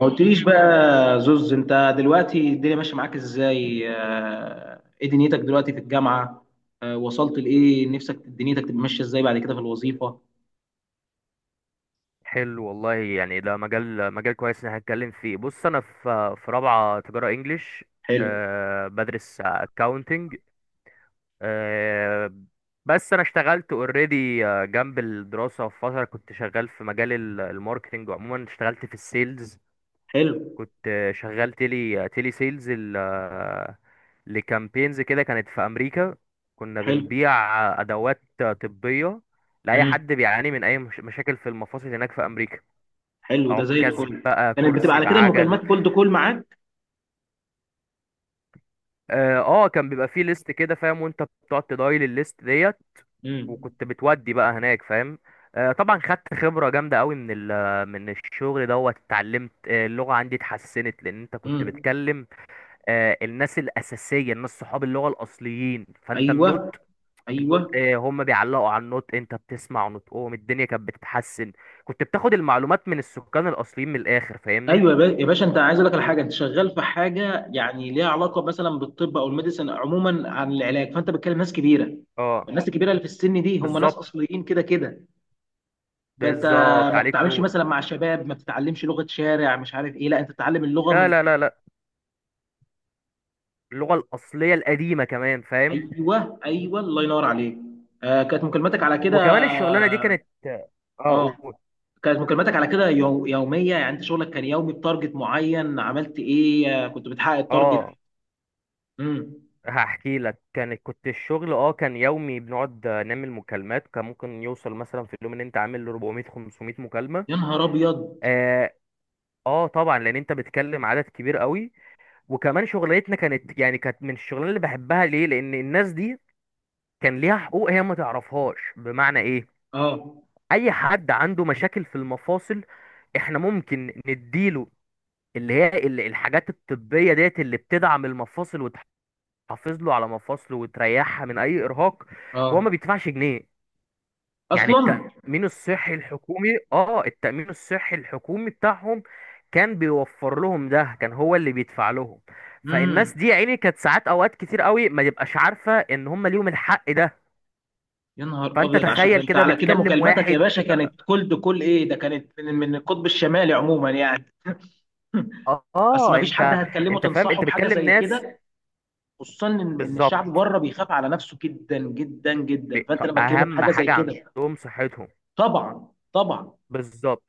ما قلتليش بقى، زوز. انت دلوقتي الدنيا ماشيه معاك ازاي؟ ايه دنيتك دلوقتي في الجامعه؟ وصلت لايه نفسك دنيتك تبقى ماشيه ازاي بعد كده في الوظيفه؟ حلو والله، يعني ده مجال مجال كويس ان هنتكلم فيه. بص، انا في رابعه تجاره انجليش. حلو. أه، بدرس اكاونتنج. أه، بس انا اشتغلت اوريدي جنب الدراسه، في فتره كنت شغال في مجال الماركتينج. عموما اشتغلت في السيلز. حلو. كنت شغال تيلي سيلز لكامبينز كده، كانت في امريكا. كنا حلو. بنبيع ادوات طبيه لاي امم. حد بيعاني من اي مشاكل في المفاصل هناك في امريكا. حلو، ده زي عكاز الفل. بقى، كانت بتبقى كرسي على كده بعجل. المكالمات كولد كول معاك؟ اه، كان بيبقى فيه ليست كده، فاهم؟ وانت بتقعد تدايل الليست ديت، امم. وكنت بتودي بقى هناك، فاهم؟ طبعا خدت خبرة جامدة قوي من من الشغل دوت. اتعلمت، اللغة عندي اتحسنت لأن أنت كنت امم. بتكلم الناس الأساسية، الناس صحاب اللغة الأصليين. فأنت ايوه. النطق، النطق، ايوه. هم بيعلقوا على النطق، أنت بتسمع نطقهم، الدنيا كانت بتتحسن. كنت بتاخد المعلومات من السكان الأصليين من الآخر، ايوه فاهمني؟ يا باشا، انت عايز اقول لك على حاجه. انت شغال في حاجه يعني ليها علاقه مثلا بالطب او الميديسن عموما عن العلاج، فانت بتكلم ناس كبيره. اه، الناس الكبيره اللي في السن دي هم ناس بالظبط. اصليين كده كده. فانت بالظبط، ما عليك بتتعاملش نور. مثلا مع شباب، ما بتتعلمش لغه شارع مش عارف ايه، لا انت بتتعلم اللغه لا، من... لا، لا، لا، اللغة الأصلية القديمة كمان، فاهم. ايوه، ايوه، الله ينور عليك. كانت مكالماتك على كده. وكمان الشغلانة دي كانت، اه. اه قول. كانت مكالماتك على كده يوميه؟ يعني انت شغلك كان يومي بتارجت معين، عملت ايه؟ كنت بتحقق التارجت؟ اه، امم. هحكي لك. كنت الشغل، اه، كان يومي. بنقعد نعمل مكالمات، كان ممكن يوصل مثلا في اليوم ان انت عامل 400 500 مكالمة. يا نهار ابيض. اه. اه، طبعا لان انت بتكلم عدد كبير قوي. وكمان شغلتنا كانت، يعني كانت من الشغلانه اللي بحبها، ليه؟ لان الناس دي كان ليها حقوق هي ما تعرفهاش. بمعنى ايه؟ اه. اي حد عنده مشاكل في المفاصل، احنا ممكن نديله اللي هي الحاجات الطبية ديت اللي بتدعم المفاصل وتحافظ له على مفاصله وتريحها من اي ارهاق، وهو ما اه. بيدفعش جنيه. يعني اصلا. التأمين الصحي الحكومي، اه التأمين الصحي الحكومي بتاعهم كان بيوفر لهم ده، كان هو اللي بيدفع لهم. فالناس امم. دي يا عيني كانت ساعات، اوقات كتير قوي ما تبقاش عارفة ان هم ليهم الحق ده. يا نهار فانت ابيض، عشان ده تخيل انت كده على كده بتكلم مكالماتك يا واحد. باشا كانت كولد كل ايه؟ ده كانت من القطب الشمالي عموما يعني. اصل اه، ما فيش حد انت، هتكلمه انت فاهم، تنصحه انت بحاجه بتكلم زي ناس. كده، خصوصا ان بالظبط، الشعب بره بيخاف على نفسه جدا جدا جدا، ب- فانت لما تكلمه اهم بحاجه زي حاجه كده. عندهم صحتهم. طبعا، طبعا. بالظبط.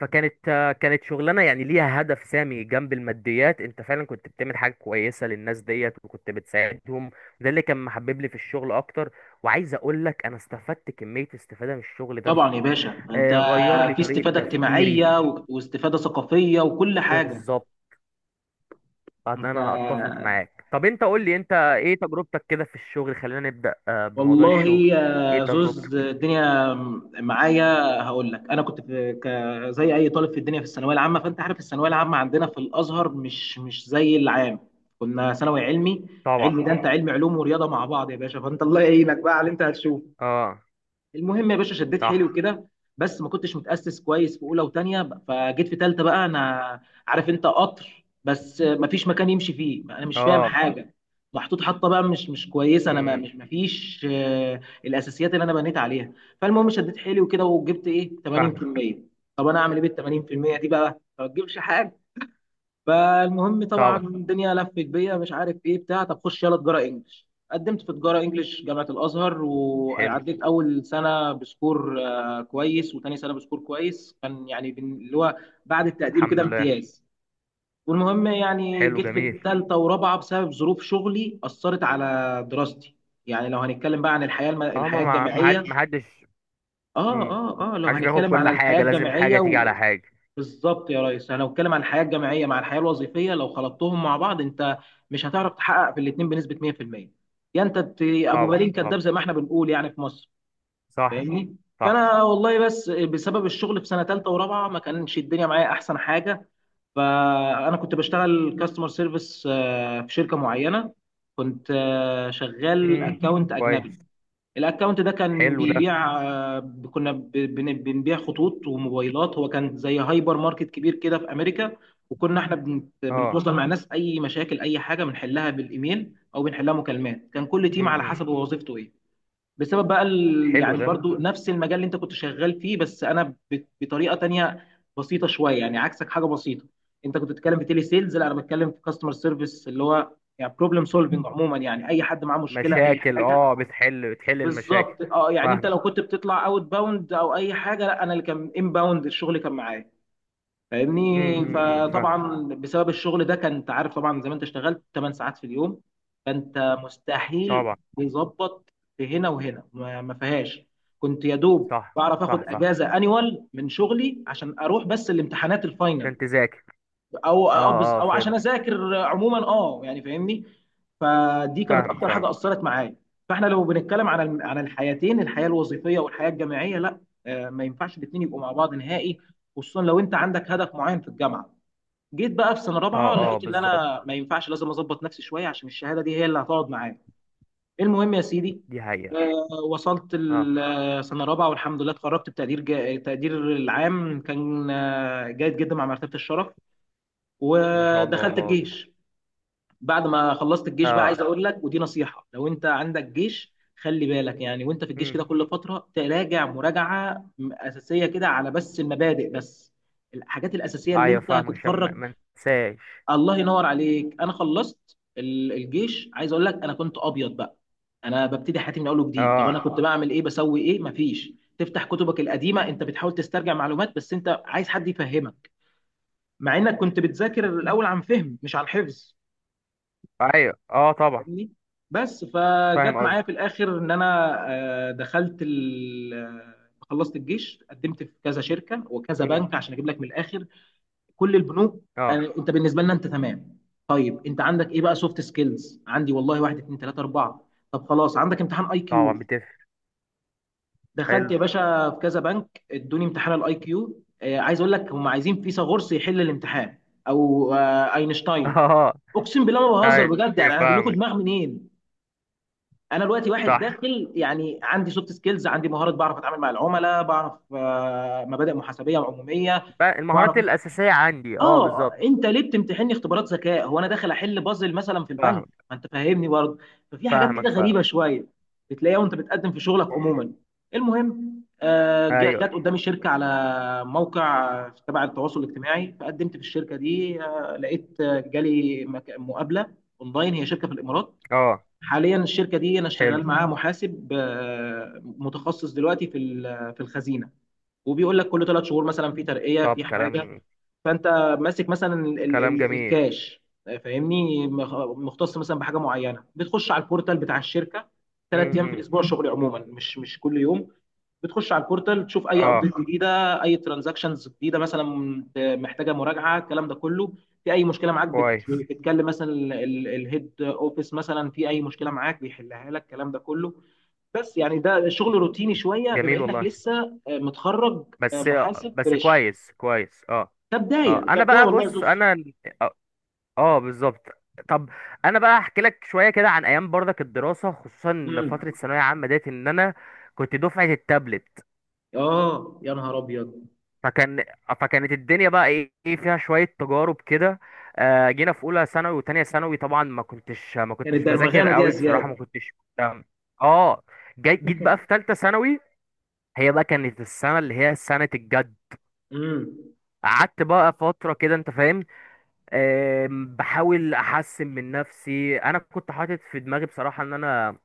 فكانت آه، كانت شغلانه يعني ليها هدف سامي جنب الماديات. انت فعلا كنت بتعمل حاجه كويسه للناس ديت، وكنت بتساعدهم. ده اللي كان محبب لي في الشغل اكتر. وعايز اقول لك انا استفدت كميه استفاده من الشغل ده، طبعا يا باشا، انت غير لي في طريقه استفاده تفكيري. اجتماعيه واستفاده ثقافيه وكل حاجه. بالظبط. انت، انا اتفق معاك. طب انت قول لي، انت ايه تجربتك كده في الشغل؟ خلينا نبدأ بموضوع والله الشغل. يا ايه زوز تجربتك؟ الدنيا معايا، هقول لك. انا كنت في زي اي طالب في الدنيا في الثانويه العامه، فانت عارف الثانويه العامه عندنا في الازهر مش زي العام. كنا ثانوي علمي. طبعا. علمي ده انت علمي، علوم ورياضه مع بعض يا باشا، فانت الله يعينك بقى على اللي انت هتشوفه. اه. المهم يا باشا، شديت حيلي صح. وكده، بس ما كنتش متأسس كويس في اولى وتانية. فجيت في تالتة بقى، انا عارف انت قطر بس ما فيش مكان يمشي فيه، انا مش فاهم اه. حاجة. محطوط حطة بقى مش كويسة، انا ما امم. مش ما فيش الاساسيات اللي انا بنيت عليها. فالمهم، شديت حيلي وكده وجبت ايه، فاهمك. 80%. طب انا اعمل ايه بال 80% دي بقى؟ ما تجيبش حاجة. فالمهم طبعا طبعا. الدنيا لفت بيا، مش عارف ايه بتاع طب، خش يلا تجاره انجلش. قدمت في تجاره انجلش جامعه الازهر، حلو. وعديت اول سنه بسكور كويس، وتاني سنه بسكور كويس كان يعني، اللي هو بعد التقدير الحمد وكده، لله. امتياز. والمهم يعني حلو، جيت جميل. في ثالثه ورابعه بسبب ظروف شغلي اثرت على دراستي. يعني لو هنتكلم بقى عن اه، الحياه الجامعيه، ما حدش. اه، امم. اه، اه، لو حدش بياخد هنتكلم كل على الحياه حاجة، لازم الجامعيه. حاجة تيجي على حاجة. بالظبط يا ريس، انا بتكلم عن الحياه الجامعيه مع الحياه الوظيفيه، لو خلطتهم مع بعض انت مش هتعرف تحقق في الاثنين بنسبه 100%. يا انت ابو طبعا، بالين كداب طبعا. زي ما احنا بنقول يعني في مصر، صح، فاهمني. صح. فانا والله بس بسبب الشغل في سنه ثالثه ورابعه ما كانش الدنيا معايا احسن حاجه. فانا كنت بشتغل كاستمر سيرفيس في شركه معينه. كنت شغال امم. اكونت اجنبي. كويس. الاكونت ده كان حلو ده. بيبيع كنا بنبيع خطوط وموبايلات، هو كان زي هايبر ماركت كبير كده في امريكا. وكنا احنا اه. بنتواصل مع ناس، اي مشاكل، اي حاجه بنحلها بالايميل او بنحلها مكالمات. كان كل تيم امم، على إمم. حسب هو وظيفته ايه. بسبب بقى حلو يعني ده. برضو نفس المجال اللي انت كنت شغال فيه، بس انا بطريقه تانية بسيطه شويه يعني، عكسك، حاجه بسيطه. انت كنت بتتكلم في تيلي سيلز، لا انا بتكلم في كاستمر سيرفيس اللي هو يعني بروبلم سولفنج عموما، يعني اي حد معاه مشكله، اي مشاكل، حاجه. اه. بتحل بتحل المشاكل. بالظبط. اه يعني، انت فاهمك. لو كنت بتطلع اوت باوند او اي حاجه، لا انا اللي كان ان باوند، الشغل كان معايا، امم، فاهمني. امم، إمم، فاهم. فطبعا بسبب الشغل ده، كان انت عارف طبعا زي ما انت اشتغلت 8 ساعات في اليوم، فانت مستحيل طبعا. تظبط في هنا وهنا، ما فيهاش. كنت يا دوب صح، بعرف اخد صح، صح. اجازه انيوال من شغلي عشان اروح بس الامتحانات الفاينل، عشان تذاكر. اه، اه، او عشان فهمت. اذاكر عموما. اه يعني فاهمني. فدي كانت فاهم، اكتر فاهم. حاجه اثرت معايا. فاحنا لو بنتكلم عن عن الحياتين، الحياه الوظيفيه والحياه الجامعيه، لا، ما ينفعش الاثنين يبقوا مع بعض نهائي، خصوصا لو انت عندك هدف معين في الجامعه. جيت بقى في سنه طب، رابعه، اه لقيت ان بالظبط. انا ما ينفعش، لازم اظبط نفسي شويه عشان الشهاده دي هي اللي هتقعد معايا. المهم يا سيدي، دي حقيقة. وصلت اه. السنه رابعه والحمد لله اتخرجت بتقدير تقدير العام كان جيد جدا مع مرتبه الشرف. ما شاء الله، ودخلت الله اكبر. الجيش. بعد ما خلصت الجيش بقى، عايز اه. اقول لك ودي نصيحه، لو انت عندك جيش خلي بالك. يعني وانت في الجيش امم. كده كل فتره تراجع مراجعه اساسيه كده على بس المبادئ بس، الحاجات الاساسيه اللي ايوه، انت فاهم، عشان ما هتتفرج. ما انساش. الله ينور عليك. انا خلصت الجيش. عايز اقول لك، انا كنت ابيض بقى، انا ببتدي حياتي من اول وجديد. طب انا اه، كنت بعمل ايه؟ بسوي ايه؟ مفيش، تفتح كتبك القديمه، انت بتحاول تسترجع معلومات بس انت عايز حد يفهمك، مع انك كنت بتذاكر الاول عن فهم مش عن حفظ، ايوه، اه طبعا. فاهمني. بس فاهم فجت قصدي. معايا في الاخر ان انا آه، دخلت ال... آه، خلصت الجيش، قدمت في كذا شركه وكذا امم. بنك عشان اجيب لك من الاخر. كل البنوك، اه، انت بالنسبه لنا انت تمام. طيب انت عندك ايه بقى؟ سوفت سكيلز عندي والله، واحد اتنين تلاته اربعه. طب خلاص، عندك امتحان اي كيو. طبعا بتفرق. دخلت حلو. يا باشا في كذا بنك، ادوني امتحان الاي كيو. عايز اقول لك، هم عايزين فيثاغورس يحل الامتحان، او اينشتاين. اه. اقسم بالله ما بهزر بجد ايوه، يعني، انا هجيب لكم فاهمك. دماغ منين؟ انا دلوقتي واحد صح. داخل، يعني عندي سوفت سكيلز، عندي مهارات، بعرف اتعامل مع العملاء، بعرف مبادئ محاسبيه وعموميه، بقى بعرف. المهارات الأساسية عندي، اه، اه، بالظبط. انت ليه بتمتحني اختبارات ذكاء؟ هو انا داخل احل بازل مثلا في البنك؟ فاهمك. ما انت فاهمني برضه. ففي حاجات فاهمك، كده فاهم. غريبه شويه بتلاقيها وانت بتقدم في شغلك عموما. المهم ايوه، جت قدامي شركه على موقع تبع التواصل الاجتماعي، فقدمت في الشركه دي. لقيت جالي مقابله اونلاين، هي شركه في الامارات. اه. حاليا الشركه دي انا حلو. شغال معاها محاسب متخصص دلوقتي في الخزينه. وبيقول لك كل ثلاث شهور مثلا في ترقيه طب في حاجه. كلام، فانت ماسك مثلا كلام جميل. الكاش، فاهمني، مختص مثلا بحاجه معينه. بتخش على البورتال بتاع الشركه ثلاث ايام في امم. الاسبوع، شغل عموما مش كل يوم. بتخش على البورتال تشوف اي اه، ابديت جديده، اي ترانزاكشنز جديده مثلا محتاجه مراجعه، الكلام ده كله. في اي مشكله معاك كويس. بتتكلم مثلا الهيد اوفيس، مثلا في اي مشكله معاك بيحلها لك، الكلام ده كله. بس يعني ده شغل روتيني شويه بما جميل انك والله. لسه متخرج، بس، محاسب بس فريش. كويس، كويس. اه. ده بدايه، اه، ده انا بدايه بقى. والله يا بص زوز. انا اه بالظبط. طب انا بقى احكي لك شويه كده عن ايام برضك الدراسه، خصوصا فتره امم. ثانويه عامه ديت. ان انا كنت دفعه التابلت. اه. يا نهار ابيض. فكان فكانت الدنيا بقى، ايه إيه فيها شويه تجارب كده. جينا في اولى ثانوي وتانية ثانوي، طبعا ما يعني كنتش بذاكر الدرمغانه دي يا قوي، بصراحه زياد. ما كنتش مهتم. اه. جيت بقى في ثالثه ثانوي، هي بقى كانت السنه اللي هي سنه الجد. امم. قعدت بقى فترة كده، انت فاهم، بحاول احسن من نفسي. انا كنت حاطط في دماغي بصراحه ان انا،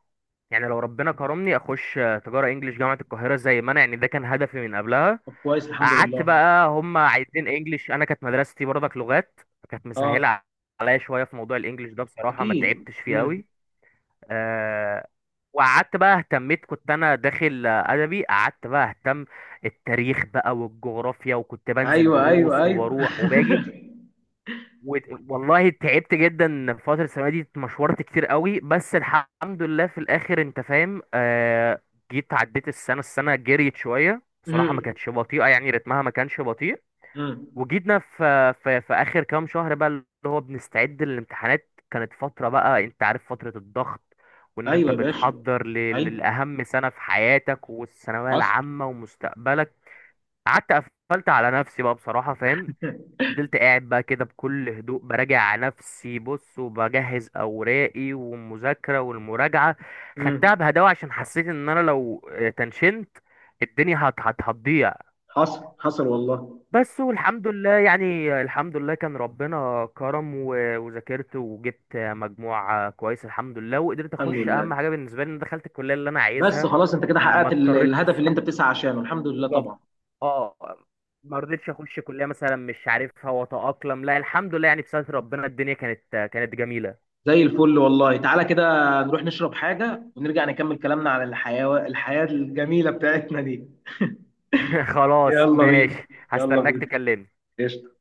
يعني لو ربنا كرمني، اخش تجاره انجليش جامعه القاهره، زي ما انا يعني، ده كان هدفي من قبلها. طب كويس، الحمد قعدت لله. بقى، هم عايزين انجليش، انا كانت مدرستي برضك لغات، كانت اه. مسهله عليا شويه في موضوع الانجليش ده، بصراحه ما اكيد. تعبتش فيه امم. قوي. أه. وقعدت بقى اهتميت، كنت انا داخل ادبي. قعدت بقى اهتم التاريخ بقى والجغرافيا، وكنت بنزل ايوه. ايوه. دروس ايوه. وبروح وباجي و... والله تعبت جدا في فترة الثانوية دي، اتمشورت كتير قوي، بس الحمد لله في الآخر، أنت فاهم، آه. جيت عديت السنة السنة جريت شوية بصراحة، ما مم. كانتش بطيئة يعني، رتمها ما كانش بطيء. مم. وجيتنا في, آخر كام شهر بقى، اللي هو بنستعد للامتحانات. كانت فترة بقى، أنت عارف، فترة الضغط، وإن ايوه أنت يا باشا. بتحضر ايوه. لأهم سنة في حياتك، والثانوية حصل. العامة ومستقبلك. قعدت قفلت على نفسي بقى، بصراحة، فاهم. فضلت قاعد بقى كده بكل هدوء، براجع على نفسي، بص، وبجهز اوراقي والمذاكره والمراجعه. مم. خدتها بهداوه عشان حسيت ان انا لو تنشنت الدنيا هتضيع. حصل حصل والله. بس والحمد لله، يعني الحمد لله كان ربنا كرم وذاكرت وجبت مجموع كويس الحمد لله، وقدرت الحمد اخش لله. اهم حاجه بالنسبه لي، ان دخلت الكليه اللي انا بس عايزها. خلاص، انت كده ما حققت اضطرتش الهدف اللي انت الصراحه. بتسعى عشانه، الحمد لله بالظبط. طبعا. اه. ما رضيتش اخش كليه مثلا مش عارفها واتاقلم، لا الحمد لله يعني، بستر ربنا، الدنيا كانت، كانت جميله. زي الفل والله تعالى كده. نروح نشرب حاجة ونرجع نكمل كلامنا على الحياة، الحياة الجميلة بتاعتنا دي. خلاص، يلا بينا. ماشي. يلا هستناك بينا. تكلمني. قشطة.